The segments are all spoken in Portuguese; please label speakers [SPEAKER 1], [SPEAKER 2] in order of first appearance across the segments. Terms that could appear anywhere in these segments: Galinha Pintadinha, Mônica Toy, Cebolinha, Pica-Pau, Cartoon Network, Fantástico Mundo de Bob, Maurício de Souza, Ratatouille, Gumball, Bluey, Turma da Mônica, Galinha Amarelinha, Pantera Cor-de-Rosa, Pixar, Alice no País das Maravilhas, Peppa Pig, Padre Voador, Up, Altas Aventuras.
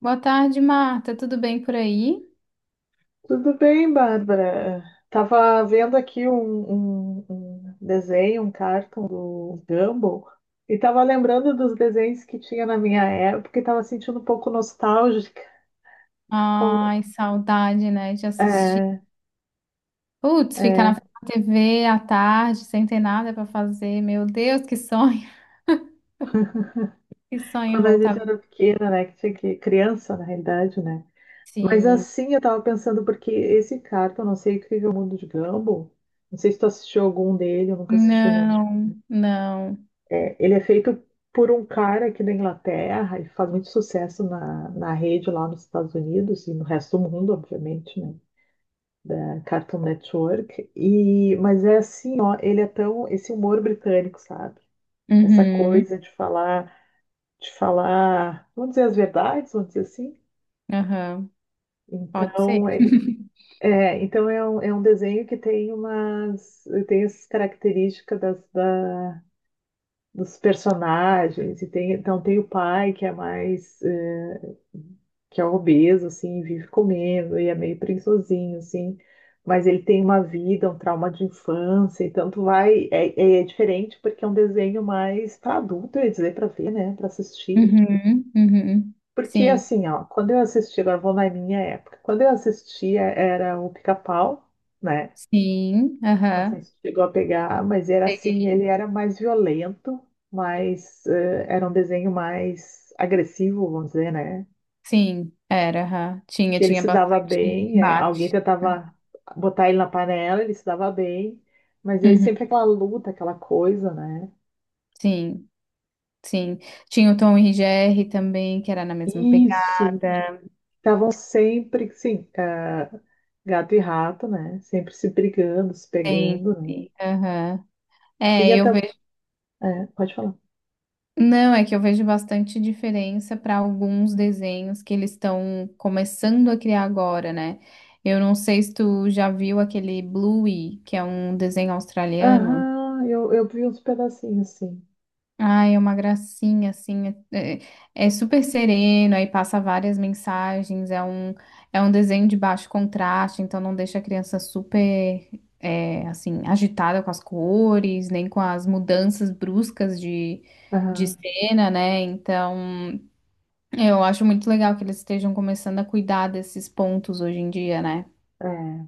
[SPEAKER 1] Boa tarde, Marta. Tudo bem por aí?
[SPEAKER 2] Tudo bem, Bárbara? Tava vendo aqui um desenho, um cartoon do Gumball, e tava lembrando dos desenhos que tinha na minha época e tava sentindo um pouco nostálgica,
[SPEAKER 1] Ai,
[SPEAKER 2] como,
[SPEAKER 1] saudade, né, de assistir.
[SPEAKER 2] é,
[SPEAKER 1] Putz, ficar na
[SPEAKER 2] é,
[SPEAKER 1] frente da TV à tarde, sem ter nada para fazer. Meu Deus, que sonho. Que sonho
[SPEAKER 2] quando a gente
[SPEAKER 1] voltar.
[SPEAKER 2] era pequena, né? Que tinha que, criança, na realidade, né? Mas
[SPEAKER 1] Sim.
[SPEAKER 2] assim, eu tava pensando, porque esse cartoon, não sei o que é o mundo de Gumball, não sei se tu assistiu algum dele, eu nunca assisti nenhum.
[SPEAKER 1] Não, não.
[SPEAKER 2] É, ele é feito por um cara aqui da Inglaterra e faz muito sucesso na rede lá nos Estados Unidos e no resto do mundo, obviamente, né? Da Cartoon Network. E, mas é assim, ó, ele é tão, esse humor britânico, sabe? Essa
[SPEAKER 1] Uhum,
[SPEAKER 2] coisa de falar, vamos dizer as verdades, vamos dizer assim.
[SPEAKER 1] aham. Pode ser.
[SPEAKER 2] Então, é, então é um desenho que tem umas, tem essas características dos personagens, e tem, então tem o pai que é mais, que é obeso, assim, vive comendo e é meio preguiçosinho, assim, mas ele tem uma vida, um trauma de infância, então tu vai, é, é diferente porque é um desenho mais para adulto, eu ia dizer, para ver, né, para assistir.
[SPEAKER 1] Uhum, uhum.
[SPEAKER 2] Porque
[SPEAKER 1] Sim,
[SPEAKER 2] assim, ó, quando eu assisti, agora eu vou na minha época, quando eu assistia era o Pica-Pau, né?
[SPEAKER 1] sim,
[SPEAKER 2] Não sei
[SPEAKER 1] aham.
[SPEAKER 2] se chegou a pegar, mas era assim, ele
[SPEAKER 1] Peguei.
[SPEAKER 2] era mais violento, mas era um desenho mais agressivo, vamos dizer, né?
[SPEAKER 1] Sim, era, aham. Tinha,
[SPEAKER 2] Que ele
[SPEAKER 1] tinha
[SPEAKER 2] se dava
[SPEAKER 1] bastante
[SPEAKER 2] bem, alguém
[SPEAKER 1] embate.
[SPEAKER 2] tentava botar ele na panela, ele se dava bem, mas ele
[SPEAKER 1] Uhum,
[SPEAKER 2] sempre aquela luta, aquela coisa, né?
[SPEAKER 1] sim. Sim, tinha o Tom e Jerry também, que era na mesma
[SPEAKER 2] Isso,
[SPEAKER 1] pegada,
[SPEAKER 2] estavam sempre, sim, gato e rato, né? Sempre se brigando, se pegando, né?
[SPEAKER 1] sempre. Aham.
[SPEAKER 2] Tinha
[SPEAKER 1] É,
[SPEAKER 2] até...
[SPEAKER 1] eu vejo.
[SPEAKER 2] é, pode falar.
[SPEAKER 1] Não, é que eu vejo bastante diferença para alguns desenhos que eles estão começando a criar agora, né? Eu não sei se tu já viu aquele Bluey, que é um desenho australiano.
[SPEAKER 2] Aham, eu vi uns pedacinhos, sim.
[SPEAKER 1] Ai, é uma gracinha, assim, é super sereno, aí passa várias mensagens, é um desenho de baixo contraste, então não deixa a criança super, é, assim, agitada com as cores, nem com as mudanças bruscas de
[SPEAKER 2] Aham,
[SPEAKER 1] cena, né? Então, eu acho muito legal que eles estejam começando a cuidar desses pontos hoje em dia, né?
[SPEAKER 2] é.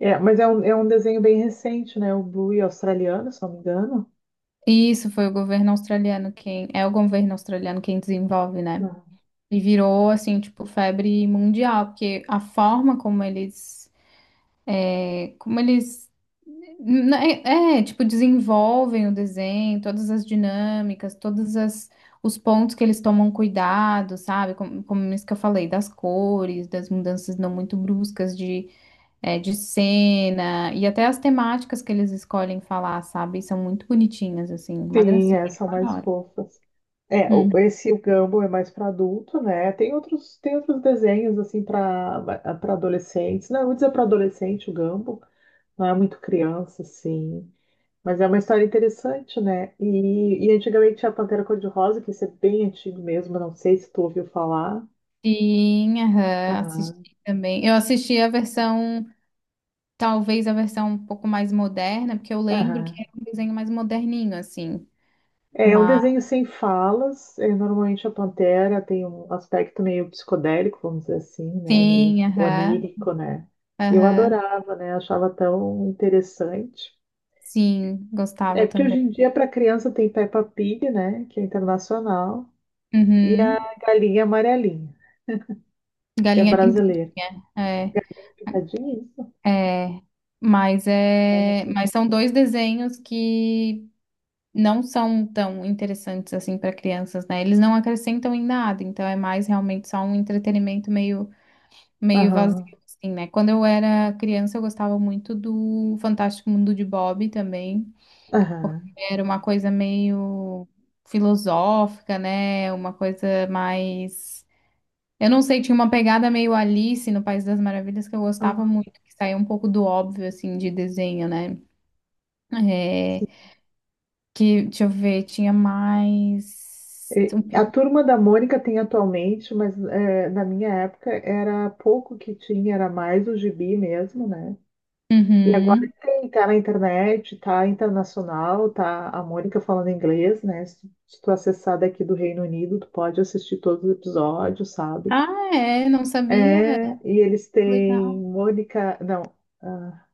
[SPEAKER 2] É, mas é um desenho bem recente, né? O Bluey australiano, se não me engano.
[SPEAKER 1] Isso foi o governo australiano quem, é o governo australiano quem desenvolve, né?
[SPEAKER 2] Não.
[SPEAKER 1] E virou, assim, tipo, febre mundial, porque a forma como eles, é, como eles, né, é, é, tipo, desenvolvem o desenho, todas as dinâmicas, todas as, os pontos que eles tomam cuidado, sabe? Como, como isso que eu falei, das cores, das mudanças não muito bruscas de, é, de cena, e até as temáticas que eles escolhem falar, sabe? São muito bonitinhas, assim, uma
[SPEAKER 2] Sim,
[SPEAKER 1] gracinha.
[SPEAKER 2] é,
[SPEAKER 1] Eu
[SPEAKER 2] são mais
[SPEAKER 1] adoro.
[SPEAKER 2] fofas. É, o-
[SPEAKER 1] Hum.
[SPEAKER 2] esse o Gumball é mais para adulto, né? Tem outros desenhos assim para adolescentes. Não, eu vou dizer para adolescente o Gumball, não é muito criança assim, mas é uma história interessante, né? E antigamente tinha a Pantera Cor-de-Rosa, que isso é bem antigo mesmo, não sei se tu ouviu falar.
[SPEAKER 1] Sim, aham,
[SPEAKER 2] Aham,
[SPEAKER 1] assisti também. Eu assisti a versão, talvez a versão um pouco mais moderna, porque eu lembro que
[SPEAKER 2] aham.
[SPEAKER 1] era um desenho mais moderninho, assim.
[SPEAKER 2] É um
[SPEAKER 1] Mas
[SPEAKER 2] desenho sem falas. Normalmente a pantera tem um aspecto meio psicodélico, vamos dizer assim, né? Meio
[SPEAKER 1] sim, aham,
[SPEAKER 2] onírico, né? E eu
[SPEAKER 1] aham,
[SPEAKER 2] adorava, né? Achava tão interessante.
[SPEAKER 1] sim, gostava
[SPEAKER 2] É porque
[SPEAKER 1] também.
[SPEAKER 2] hoje em dia, para criança, tem Peppa Pig, né? Que é internacional, e a
[SPEAKER 1] Uhum.
[SPEAKER 2] Galinha Amarelinha, que é
[SPEAKER 1] Galinha
[SPEAKER 2] brasileira.
[SPEAKER 1] Pintadinha, é,
[SPEAKER 2] É Pitadinha, isso?
[SPEAKER 1] é. Mas
[SPEAKER 2] Eu não
[SPEAKER 1] é,
[SPEAKER 2] sei.
[SPEAKER 1] mas são dois desenhos que não são tão interessantes assim para crianças, né? Eles não acrescentam em nada, então é mais realmente só um entretenimento meio vazio,
[SPEAKER 2] Aham,
[SPEAKER 1] assim, né? Quando eu era criança, eu gostava muito do Fantástico Mundo de Bob também, porque
[SPEAKER 2] aham.
[SPEAKER 1] era uma coisa meio filosófica, né? Uma coisa mais. Eu não sei, tinha uma pegada meio Alice no País das Maravilhas que eu gostava
[SPEAKER 2] Ah,
[SPEAKER 1] muito, que saía um pouco do óbvio, assim, de desenho, né? É, que, deixa eu ver, tinha mais. Um pi-
[SPEAKER 2] A Turma da Mônica tem atualmente, mas na minha época era pouco que tinha, era mais o gibi mesmo, né? E agora
[SPEAKER 1] Uhum.
[SPEAKER 2] tem, tá na internet, tá internacional, tá a Mônica falando inglês, né? Se tu acessar daqui do Reino Unido, tu pode assistir todos os episódios, sabe?
[SPEAKER 1] Ah, é, não
[SPEAKER 2] É,
[SPEAKER 1] sabia.
[SPEAKER 2] e eles têm
[SPEAKER 1] Legal.
[SPEAKER 2] Mônica, não, ah,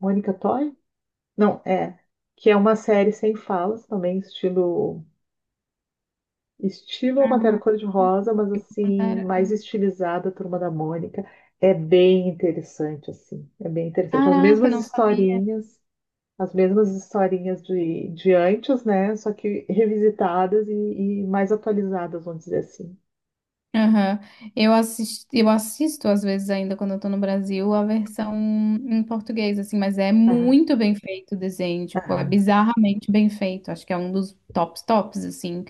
[SPEAKER 2] Mônica Toy? Não, é, que é uma série sem falas também, estilo estilo Pantera Cor-de-Rosa, mas assim,
[SPEAKER 1] Ah,
[SPEAKER 2] mais estilizada, Turma da Mônica. É bem interessante, assim. É bem interessante. As
[SPEAKER 1] caraca, eu
[SPEAKER 2] mesmas
[SPEAKER 1] não sabia.
[SPEAKER 2] historinhas, as mesmas historinhas de antes, né? Só que revisitadas e mais atualizadas, vamos dizer assim.
[SPEAKER 1] Aham. Eu assisto às vezes ainda quando eu tô no Brasil a versão em português, assim, mas é
[SPEAKER 2] Aham,
[SPEAKER 1] muito bem feito o desenho, tipo, é
[SPEAKER 2] aham.
[SPEAKER 1] bizarramente bem feito. Acho que é um dos tops tops, assim.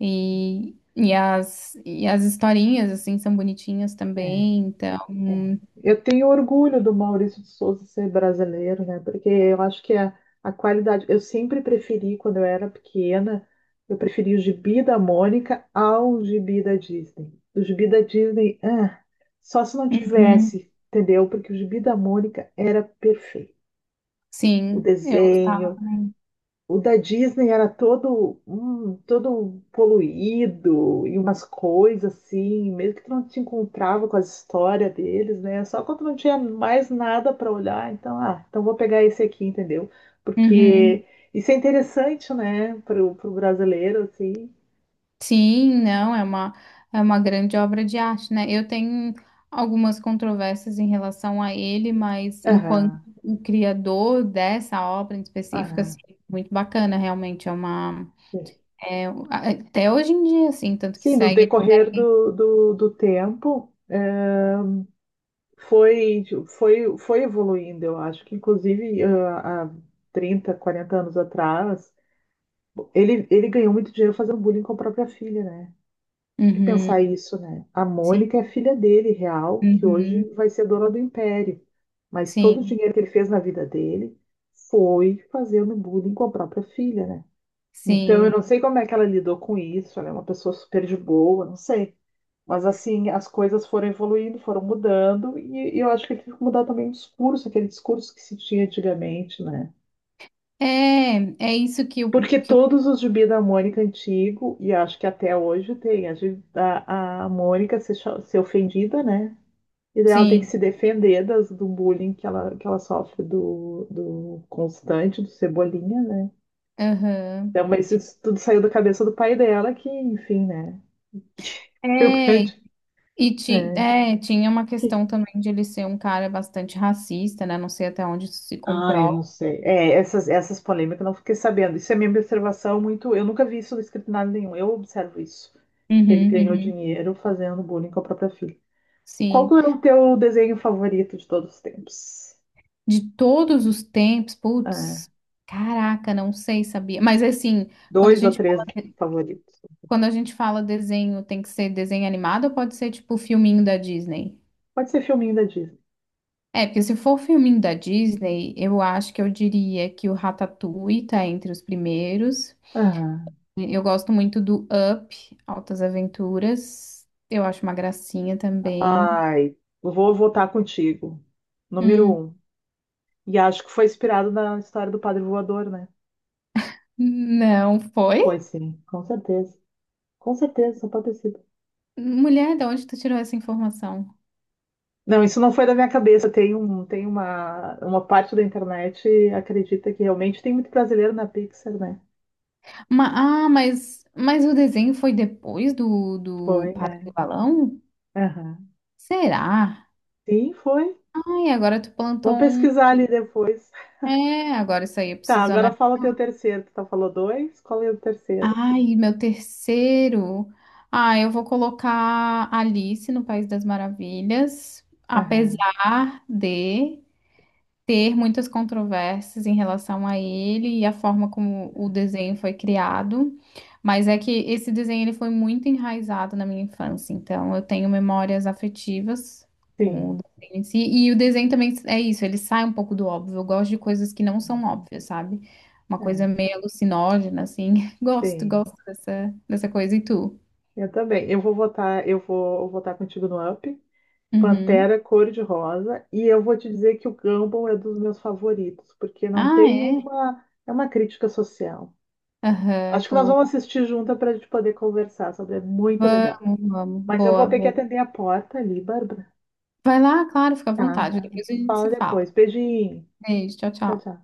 [SPEAKER 1] E as historinhas, assim, são bonitinhas também,
[SPEAKER 2] É.
[SPEAKER 1] então.
[SPEAKER 2] É. Eu tenho orgulho do Maurício de Souza ser brasileiro, né? Porque eu acho que a qualidade. Eu sempre preferi, quando eu era pequena, eu preferi o gibi da Mônica ao gibi da Disney. O gibi da Disney, ah, só se não
[SPEAKER 1] Uhum.
[SPEAKER 2] tivesse, entendeu? Porque o gibi da Mônica era perfeito. O
[SPEAKER 1] Sim, eu gostava
[SPEAKER 2] desenho,
[SPEAKER 1] também.
[SPEAKER 2] o da Disney era todo, todo poluído e umas coisas assim, mesmo que tu não te encontrava com a história deles, né? Só quando não tinha mais nada para olhar, então vou pegar esse aqui, entendeu?
[SPEAKER 1] Uhum.
[SPEAKER 2] Porque isso é interessante, né, pro brasileiro, assim.
[SPEAKER 1] Sim, não, é uma grande obra de arte, né? Eu tenho algumas controvérsias em relação a ele, mas enquanto
[SPEAKER 2] Aham,
[SPEAKER 1] o criador dessa obra em específico, assim,
[SPEAKER 2] aham.
[SPEAKER 1] muito bacana, realmente, é uma... É, até hoje em dia, assim, tanto que
[SPEAKER 2] Sim, no
[SPEAKER 1] segue...
[SPEAKER 2] decorrer do tempo. Foi, foi evoluindo, eu acho que inclusive há 30 40 anos atrás, ele ganhou muito dinheiro fazendo bullying com a própria filha, né? Tem que
[SPEAKER 1] Uhum,
[SPEAKER 2] pensar isso, né? A
[SPEAKER 1] sim,
[SPEAKER 2] Mônica é a filha dele, real, que
[SPEAKER 1] uhum,
[SPEAKER 2] hoje vai ser dona do império. Mas todo o
[SPEAKER 1] sim,
[SPEAKER 2] dinheiro que ele fez na vida dele foi fazendo bullying com a própria filha, né? Então eu
[SPEAKER 1] sim.
[SPEAKER 2] não sei como é que ela lidou com isso, ela é uma pessoa super de boa, não sei. Mas assim, as coisas foram evoluindo, foram mudando, e eu acho que teve que mudar também o discurso, aquele discurso que se tinha antigamente, né?
[SPEAKER 1] É, é isso que eu...
[SPEAKER 2] Porque
[SPEAKER 1] Que eu
[SPEAKER 2] todos os gibi da Mônica antigo, e acho que até hoje tem, a Mônica ser ofendida, né? E daí ela tem que
[SPEAKER 1] sim,
[SPEAKER 2] se defender do bullying que ela sofre do Constante, do Cebolinha, né?
[SPEAKER 1] aham.
[SPEAKER 2] Então, mas isso tudo saiu da cabeça do pai dela, que, enfim, né? Foi o
[SPEAKER 1] É,
[SPEAKER 2] grande. É.
[SPEAKER 1] Tinha uma questão também de ele ser um cara bastante racista, né? Não sei até onde isso se
[SPEAKER 2] Ah, eu não
[SPEAKER 1] comprova.
[SPEAKER 2] sei. É, essas polêmicas eu não fiquei sabendo. Isso é minha observação muito. Eu nunca vi isso escrito em nada nenhum. Eu observo isso. Que ele
[SPEAKER 1] Uhum,
[SPEAKER 2] ganhou
[SPEAKER 1] uhum.
[SPEAKER 2] dinheiro fazendo bullying com a própria filha. Qual
[SPEAKER 1] Sim.
[SPEAKER 2] que é o teu desenho favorito de todos os tempos?
[SPEAKER 1] De todos os tempos,
[SPEAKER 2] Ah,
[SPEAKER 1] putz, caraca, não sei, sabia. Mas assim, quando a
[SPEAKER 2] dois ou
[SPEAKER 1] gente fala,
[SPEAKER 2] três favoritos.
[SPEAKER 1] quando a gente fala desenho, tem que ser desenho animado ou pode ser tipo filminho da Disney?
[SPEAKER 2] Pode ser filminho da Disney.
[SPEAKER 1] É, porque se for filminho da Disney, eu acho que eu diria que o Ratatouille tá entre os primeiros.
[SPEAKER 2] Aham.
[SPEAKER 1] Eu gosto muito do Up, Altas Aventuras. Eu acho uma gracinha também.
[SPEAKER 2] Ai, vou votar contigo. Número
[SPEAKER 1] Hum,
[SPEAKER 2] um. E acho que foi inspirado na história do Padre Voador, né?
[SPEAKER 1] não
[SPEAKER 2] Pois
[SPEAKER 1] foi?
[SPEAKER 2] sim, com certeza. Com certeza, só pode ser.
[SPEAKER 1] Mulher, de onde tu tirou essa informação?
[SPEAKER 2] Não, isso não foi da minha cabeça. Tem uma parte da internet acredita que realmente tem muito brasileiro na Pixar, né?
[SPEAKER 1] Mas o desenho foi depois do, do
[SPEAKER 2] Foi, é.
[SPEAKER 1] Padre do Balão?
[SPEAKER 2] Aham.
[SPEAKER 1] Será?
[SPEAKER 2] Sim, foi.
[SPEAKER 1] Ai, agora tu plantou
[SPEAKER 2] Vamos
[SPEAKER 1] um.
[SPEAKER 2] pesquisar ali depois.
[SPEAKER 1] É, agora isso aí eu
[SPEAKER 2] Tá,
[SPEAKER 1] preciso
[SPEAKER 2] agora
[SPEAKER 1] analisar.
[SPEAKER 2] fala o teu terceiro. Tu tá falou dois? Qual é o terceiro?
[SPEAKER 1] Ai, meu terceiro. Ah, eu vou colocar Alice no País das Maravilhas,
[SPEAKER 2] Aham.
[SPEAKER 1] apesar de. Ter muitas controvérsias em relação a ele e a forma como o desenho foi criado, mas é que esse desenho ele foi muito enraizado na minha infância, então eu tenho memórias afetivas com o
[SPEAKER 2] Sim.
[SPEAKER 1] desenho em si, e o desenho também é isso, ele sai um pouco do óbvio, eu gosto de coisas que não são óbvias, sabe? Uma coisa
[SPEAKER 2] É,
[SPEAKER 1] meio alucinógena, assim, gosto,
[SPEAKER 2] sim.
[SPEAKER 1] dessa coisa, e tu?
[SPEAKER 2] Eu também. Eu vou votar contigo no Up.
[SPEAKER 1] Uhum.
[SPEAKER 2] Pantera cor-de-rosa. E eu vou te dizer que o Gumball é dos meus favoritos, porque não
[SPEAKER 1] Ah,
[SPEAKER 2] tem
[SPEAKER 1] é?
[SPEAKER 2] uma. É uma crítica social.
[SPEAKER 1] Aham,
[SPEAKER 2] Acho que nós vamos
[SPEAKER 1] boa.
[SPEAKER 2] assistir juntas para a gente poder conversar sobre. É muito legal.
[SPEAKER 1] Vamos,
[SPEAKER 2] Mas eu vou
[SPEAKER 1] boa,
[SPEAKER 2] ter que
[SPEAKER 1] boa.
[SPEAKER 2] atender a porta ali, Bárbara.
[SPEAKER 1] Vai lá, claro, fica à
[SPEAKER 2] Tá, tá.
[SPEAKER 1] vontade.
[SPEAKER 2] A gente
[SPEAKER 1] Depois
[SPEAKER 2] se
[SPEAKER 1] a gente se
[SPEAKER 2] fala
[SPEAKER 1] fala.
[SPEAKER 2] depois. Beijinho.
[SPEAKER 1] Beijo, tchau,
[SPEAKER 2] Tchau, tchau.
[SPEAKER 1] tchau.